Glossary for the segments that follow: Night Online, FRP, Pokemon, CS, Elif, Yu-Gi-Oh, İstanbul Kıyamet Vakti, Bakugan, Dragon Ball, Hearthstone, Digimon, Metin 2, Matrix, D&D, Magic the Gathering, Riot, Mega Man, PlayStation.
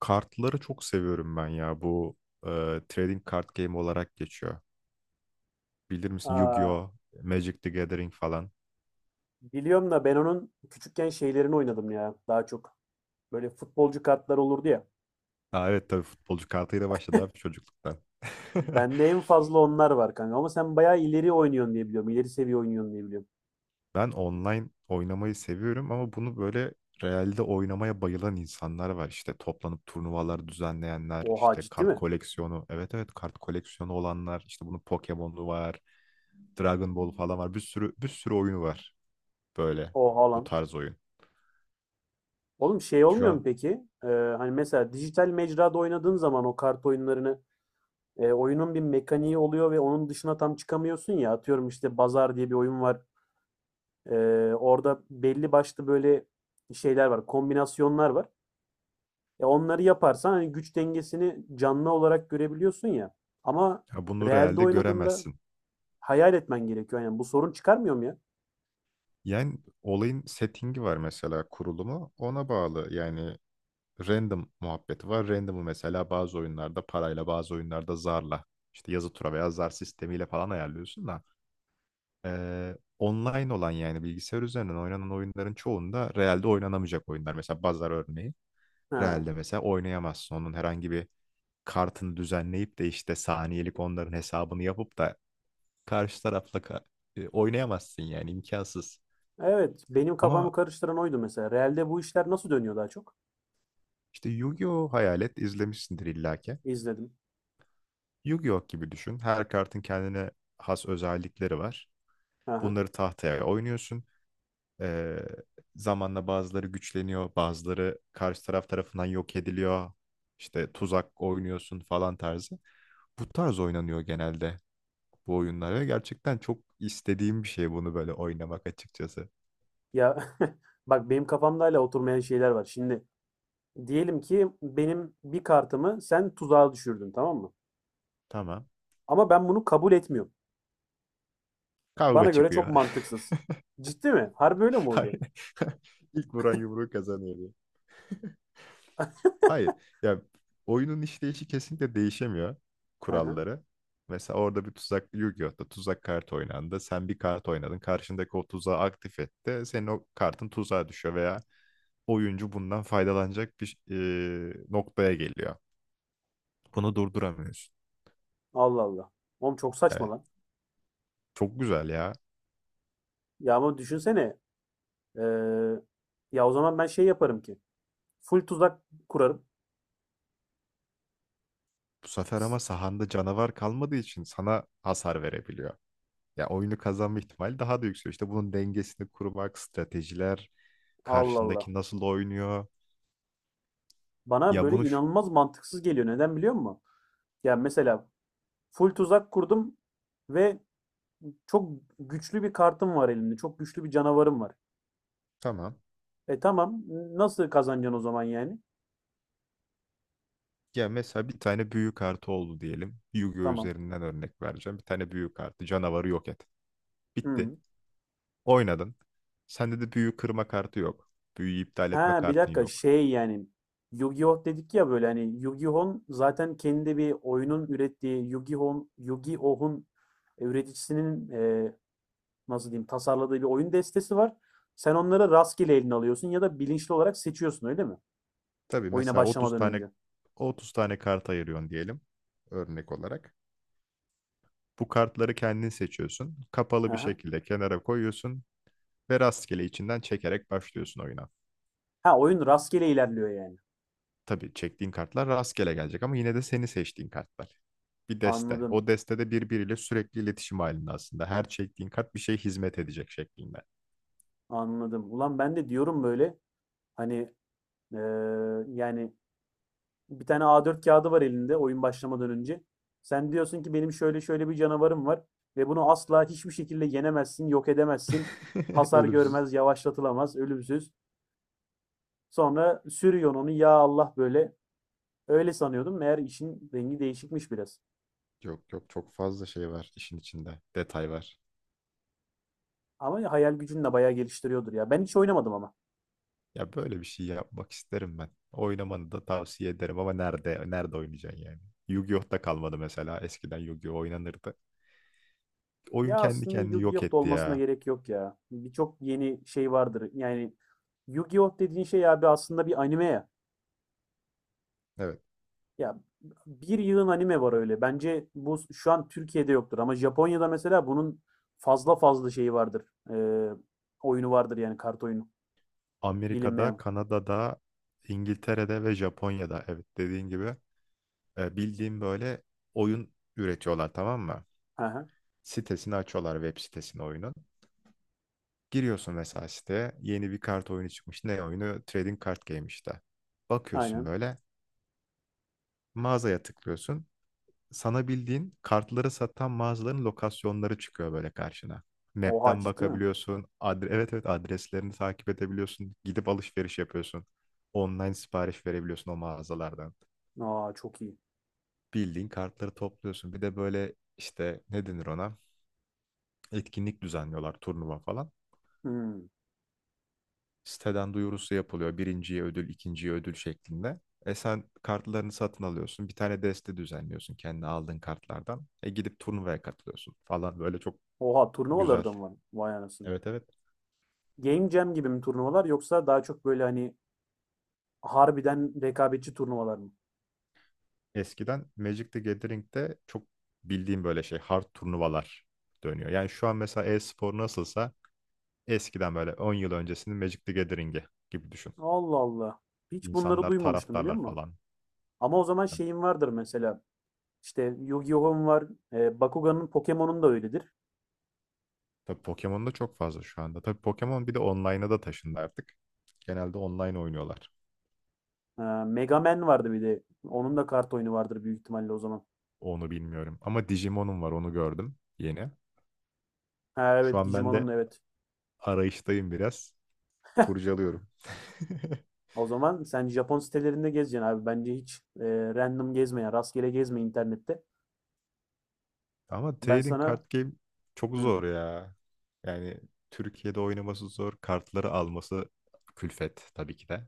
Kartları çok seviyorum ben ya. Bu e, trading card game olarak geçiyor. Bilir misin Aa, Yu-Gi-Oh, Magic the Gathering falan. biliyorum da ben onun küçükken şeylerini oynadım ya daha çok. Böyle futbolcu kartlar olurdu ya. Aa, evet tabii futbolcu kartıyla başladı abi çocukluktan. Bende en fazla onlar var kanka ama sen bayağı ileri oynuyorsun diye biliyorum. İleri seviye oynuyorsun diye biliyorum. Ben online oynamayı seviyorum ama bunu böyle realde oynamaya bayılan insanlar var. İşte toplanıp turnuvalar düzenleyenler, Oha işte ciddi kart mi? koleksiyonu. Evet evet kart koleksiyonu olanlar. İşte bunun Pokemon'u var, Dragon Ball falan var. Bir sürü oyunu var böyle Oha bu lan. tarz oyun. Oğlum şey Şu olmuyor mu an peki? Ee, hani mesela dijital mecrada oynadığın zaman o kart oyunlarını oyunun bir mekaniği oluyor ve onun dışına tam çıkamıyorsun ya. Atıyorum işte Bazar diye bir oyun var. Ee, orada belli başlı böyle şeyler var, kombinasyonlar var. Ya onları yaparsan hani güç dengesini canlı olarak görebiliyorsun ya. Ama Ya bunu realde realde oynadığında göremezsin. hayal etmen gerekiyor. Yani bu sorun çıkarmıyor mu ya? Yani olayın settingi var mesela kurulumu ona bağlı. Yani random muhabbeti var. Random'ı mesela bazı oyunlarda parayla bazı oyunlarda zarla işte yazı tura veya zar sistemiyle falan ayarlıyorsun da online olan yani bilgisayar üzerinden oynanan oyunların çoğunda realde oynanamayacak oyunlar. Mesela bazar örneği Ha. realde mesela oynayamazsın. Onun herhangi bir kartını düzenleyip de işte saniyelik onların hesabını yapıp da karşı tarafla oynayamazsın yani imkansız. Evet, benim kafamı Ama karıştıran oydu mesela. Realde bu işler nasıl dönüyor daha çok? işte Yu-Gi-Oh hayal et izlemişsindir illaki. İzledim. Yu-Gi-Oh gibi düşün. Her kartın kendine has özellikleri var. Aha. Bunları tahtaya oynuyorsun. Ee, Zamanla bazıları güçleniyor, bazıları karşı taraf tarafından yok ediliyor. İşte tuzak oynuyorsun falan tarzı. Bu tarz oynanıyor genelde bu oyunlar ve gerçekten çok istediğim bir şey bunu böyle oynamak açıkçası. Ya bak benim kafamda hala oturmayan şeyler var. Şimdi diyelim ki benim bir kartımı sen tuzağa düşürdün, tamam mı? Tamam. Ama ben bunu kabul etmiyorum. Bana Kavga göre çok çıkıyor. mantıksız. Ciddi mi? Harbi öyle mi oluyor? İlk vuran yumruğu kazanıyor. Hayır. Ya oyunun işleyişi kesinlikle değişemiyor Aha. kuralları. Mesela orada bir tuzak Yu-Gi-Oh'ta tuzak kart oynandı. Sen bir kart oynadın. Karşındaki o tuzağı aktif etti. Senin o kartın tuzağa düşüyor veya oyuncu bundan faydalanacak bir noktaya geliyor. Bunu durduramıyorsun. Allah Allah. Oğlum çok saçma Evet. lan. Çok güzel ya. Ya ama düşünsene. eee, ya o zaman ben şey yaparım ki. Full tuzak kurarım. Bu sefer S- ama sahanda canavar kalmadığı için sana hasar verebiliyor. Ya oyunu kazanma ihtimali daha da yükseliyor. İşte bunun dengesini kurmak, stratejiler, Allah Allah. karşındaki nasıl oynuyor. Bana Ya böyle bunu şu- inanılmaz mantıksız geliyor. Neden biliyor musun? Ya mesela full tuzak kurdum ve çok güçlü bir kartım var elimde. Çok güçlü bir canavarım var. Tamam. E tamam. Nasıl kazanacaksın o zaman yani? Ya mesela bir tane büyü kartı oldu diyelim. Yu-Gi-Oh Tamam. üzerinden örnek vereceğim. Bir tane büyü kartı canavarı yok et. Bitti. Hı. Oynadın. Sende de büyü kırma kartı yok. Büyüyü iptal etme Ha, bir kartın dakika yok. şey yani Yu-Gi-Oh dedik ya, böyle hani Yu-Gi-Oh'un zaten kendi bir oyunun ürettiği Yu-Gi-Oh'un üreticisinin nasıl diyeyim tasarladığı bir oyun destesi var. Sen onları rastgele eline alıyorsun ya da bilinçli olarak seçiyorsun öyle mi? Tabii Oyuna mesela 30 başlamadan tane önce. 30 tane kart ayırıyorsun diyelim örnek olarak. Bu kartları kendin seçiyorsun. Kapalı bir Aha. şekilde kenara koyuyorsun ve rastgele içinden çekerek başlıyorsun oyuna. Ha, oyun rastgele ilerliyor yani. Tabii çektiğin kartlar rastgele gelecek ama yine de seni seçtiğin kartlar. Bir deste. Anladım. O destede birbiriyle sürekli iletişim halinde aslında. Her çektiğin kart bir şey hizmet edecek şeklinde. Anladım. Ulan ben de diyorum böyle hani eee, yani bir tane A4 kağıdı var elinde oyun başlamadan önce. Sen diyorsun ki benim şöyle şöyle bir canavarım var ve bunu asla hiçbir şekilde yenemezsin, yok edemezsin. Hasar Ölümsüz. görmez, yavaşlatılamaz, ölümsüz. Sonra sürüyorsun onu ya Allah böyle öyle sanıyordum. Meğer işin rengi değişikmiş biraz. Yok yok çok fazla şey var işin içinde. Detay var. Ama hayal gücünü de bayağı geliştiriyordur ya. Ben hiç oynamadım ama. Ya böyle bir şey yapmak isterim ben. Oynamanı da tavsiye ederim ama nerede oynayacaksın yani? Yu-Gi-Oh'ta kalmadı mesela. Eskiden Yu-Gi-Oh oynanırdı. Oyun Ya kendi aslında kendini yok Yu-Gi-Oh! Da etti olmasına ya. gerek yok ya. Birçok yeni şey vardır. Yani Yu-Gi-Oh! Dediğin şey abi aslında bir anime ya. Evet. Ya bir yığın anime var öyle. Bence bu şu an Türkiye'de yoktur ama Japonya'da mesela bunun fazla fazla şeyi vardır. Ee, oyunu vardır yani kart oyunu. Amerika'da, Bilinmeyen. Kanada'da, İngiltere'de ve Japonya'da evet dediğin gibi bildiğim böyle oyun üretiyorlar tamam mı? Hı hı. Sitesini açıyorlar web sitesini oyunun. Giriyorsun mesela siteye yeni bir kart oyunu çıkmış. Ne oyunu? Trading Card Game işte. Bakıyorsun Aynen. böyle mağazaya tıklıyorsun. Sana bildiğin kartları satan mağazaların lokasyonları çıkıyor böyle karşına. Oha Map'ten ciddi mi? bakabiliyorsun. Evet evet adreslerini takip edebiliyorsun. Gidip alışveriş yapıyorsun. Online sipariş verebiliyorsun o mağazalardan. Aa, çok iyi. Bildiğin kartları topluyorsun. Bir de böyle işte ne denir ona? Etkinlik düzenliyorlar turnuva falan. Hmm. Siteden duyurusu yapılıyor. Birinciye ödül, ikinciye ödül şeklinde. E sen kartlarını satın alıyorsun. Bir tane deste düzenliyorsun kendi aldığın kartlardan. E gidip turnuvaya katılıyorsun falan. Böyle çok Oha, turnuvaları güzel. da mı var? Vay anasını. Evet evet. Game Jam gibi mi turnuvalar, yoksa daha çok böyle hani harbiden rekabetçi turnuvalar mı? Eskiden Magic the Gathering'de çok bildiğim böyle şey hard turnuvalar dönüyor. Yani şu an mesela e-spor nasılsa eskiden böyle 10 yıl öncesinin Magic the Gathering'i gibi düşün. Allah Allah. Hiç bunları İnsanlar, duymamıştım, biliyor taraftarlar musun? falan. Ama o zaman şeyim vardır mesela. İşte Yu-Gi-Oh'um var. Bakugan'ın Pokemon'un da öyledir. Tabii Pokemon'da çok fazla şu anda. Tabii Pokemon bir de online'a da taşındı artık. Genelde online oynuyorlar. E, Mega Man vardı bir de. Onun da kart oyunu vardır büyük ihtimalle o zaman. Onu bilmiyorum. Ama Digimon'um var onu gördüm yeni. Ha Şu evet, an ben Digimon'un de da evet. arayıştayım biraz. Kurcalıyorum. O zaman sen Japon sitelerinde gezeceksin abi. Bence hiç random gezme ya. Rastgele gezme internette. Ama Ben trading card sana. game çok Hı. zor ya. Yani Türkiye'de oynaması zor. Kartları alması külfet tabii ki de.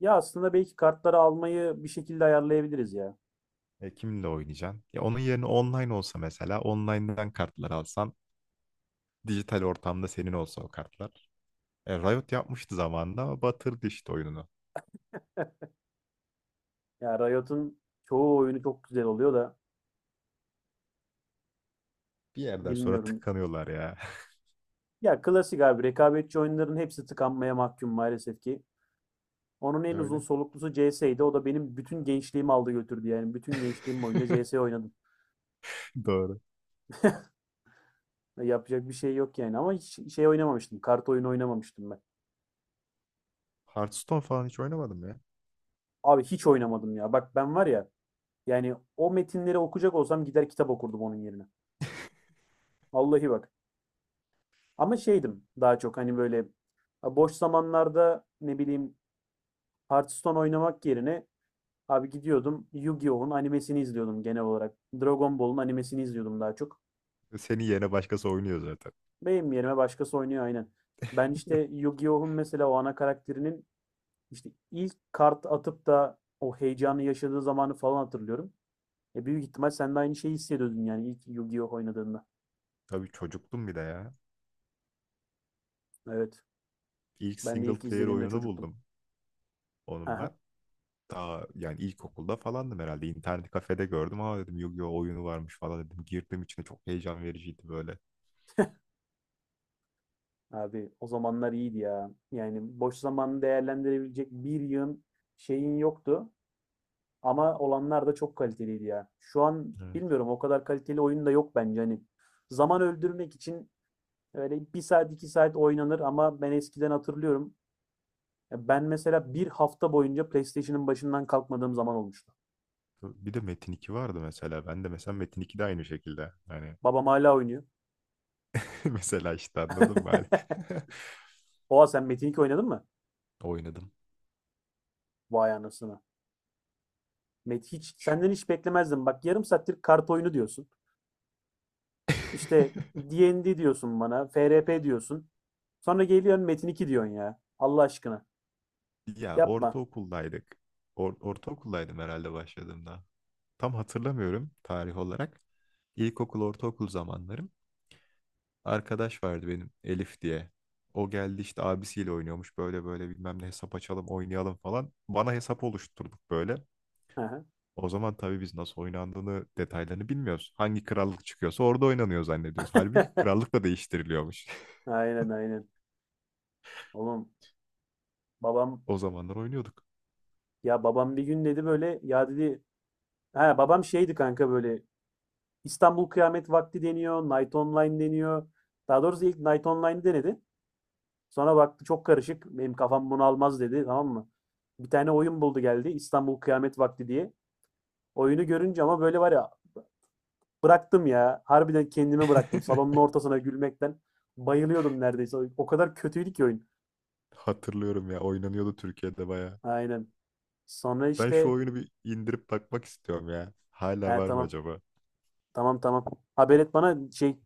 Ya aslında belki kartları almayı bir şekilde ayarlayabiliriz ya. E, kimle oynayacaksın? Ya onun yerine online olsa mesela online'dan kartlar alsan dijital ortamda senin olsa o kartlar. E, Riot yapmıştı zamanında ama batırdı işte oyununu. Ya Riot'un çoğu oyunu çok güzel oluyor da Bir yerden sonra bilmiyorum. tıkanıyorlar ya. Ya klasik abi, rekabetçi oyunların hepsi tıkanmaya mahkum maalesef ki. Onun en uzun Öyle. soluklusu CS'ydi. O da benim bütün gençliğimi aldı götürdü yani. Bütün gençliğim boyunca CS oynadım. Doğru. Ya yapacak bir şey yok yani, ama hiç şey oynamamıştım. Kart oyunu oynamamıştım ben. Hearthstone falan hiç oynamadım ya. Abi hiç oynamadım ya. Bak ben var ya, yani o metinleri okuyacak olsam gider kitap okurdum onun yerine. Vallahi bak. Ama şeydim daha çok hani böyle boş zamanlarda ne bileyim, Hearthstone oynamak yerine abi gidiyordum Yu-Gi-Oh'un animesini izliyordum genel olarak. Dragon Ball'un animesini izliyordum daha çok. Senin yerine başkası oynuyor zaten. Benim yerime başkası oynuyor, aynen. Ben işte Yu-Gi-Oh'un mesela o ana karakterinin işte ilk kart atıp da o heyecanı yaşadığı zamanı falan hatırlıyorum. E büyük ihtimal sen de aynı şeyi hissediyordun yani ilk Yu-Gi-Oh oynadığında. Tabii çocuktum bir de ya. Evet. İlk Ben de single ilk player izlediğimde oyununu çocuktum. buldum onun ben. Aha. Daha yani ilkokulda falandım herhalde. İnternet kafede gördüm. Aa dedim Yu-Gi-Oh oyunu varmış falan dedim. Girdim içine çok heyecan vericiydi böyle. Abi o zamanlar iyiydi ya. Yani boş zamanı değerlendirebilecek bir yığın şeyin yoktu. Ama olanlar da çok kaliteliydi ya. Şu an Evet. bilmiyorum, o kadar kaliteli oyun da yok bence hani. Zaman öldürmek için öyle bir saat iki saat oynanır, ama ben eskiden hatırlıyorum. Ya ben mesela bir hafta boyunca PlayStation'ın başından kalkmadığım zaman olmuştu. Bir de Metin 2 vardı mesela. Ben de mesela Metin 2 de aynı şekilde. Hani Babam hala oynuyor. mesela işte anladın mı? Hani Oha, sen Metin 2 oynadın mı? Oynadım. Vay anasını. Hiç Şu... senden hiç beklemezdim. Bak, yarım saattir kart oyunu diyorsun. İşte D&D diyorsun bana. FRP diyorsun. Sonra geliyorsun Metin 2 diyorsun ya. Allah aşkına. Ya Yapma. ortaokuldaydık. Ortaokuldaydım herhalde başladığımda. Tam hatırlamıyorum tarih olarak. İlkokul, ortaokul zamanlarım. Arkadaş vardı benim Elif diye. O geldi işte abisiyle oynuyormuş. Böyle böyle bilmem ne hesap açalım, oynayalım falan. Bana hesap oluşturduk böyle. Hı hı. O zaman tabii biz nasıl oynandığını, detaylarını bilmiyoruz. Hangi krallık çıkıyorsa orada oynanıyor zannediyoruz. Halbuki krallık da değiştiriliyormuş. Aynen, aynen. Oğlum babam, O zamanlar oynuyorduk. ya babam bir gün dedi böyle ya, dedi ha, babam şeydi kanka böyle, İstanbul Kıyamet Vakti deniyor, Night Online deniyor. Daha doğrusu ilk Night Online denedi. Sonra baktı çok karışık. Benim kafam bunu almaz dedi, tamam mı? Bir tane oyun buldu geldi, İstanbul Kıyamet Vakti diye. Oyunu görünce ama böyle var ya, bıraktım ya. Harbiden kendimi bıraktım salonun ortasına gülmekten. Bayılıyordum neredeyse. O kadar kötüydü ki oyun. Hatırlıyorum ya oynanıyordu Türkiye'de bayağı. Aynen. Sonra Ben şu işte oyunu bir indirip bakmak istiyorum ya. Hala he var mı tamam. acaba? Tamam tamam. Haber et bana şey,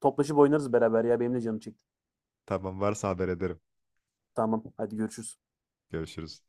toplaşıp oynarız beraber ya. Benim de canım çekti. Tamam varsa haber ederim. Tamam hadi, görüşürüz. Görüşürüz.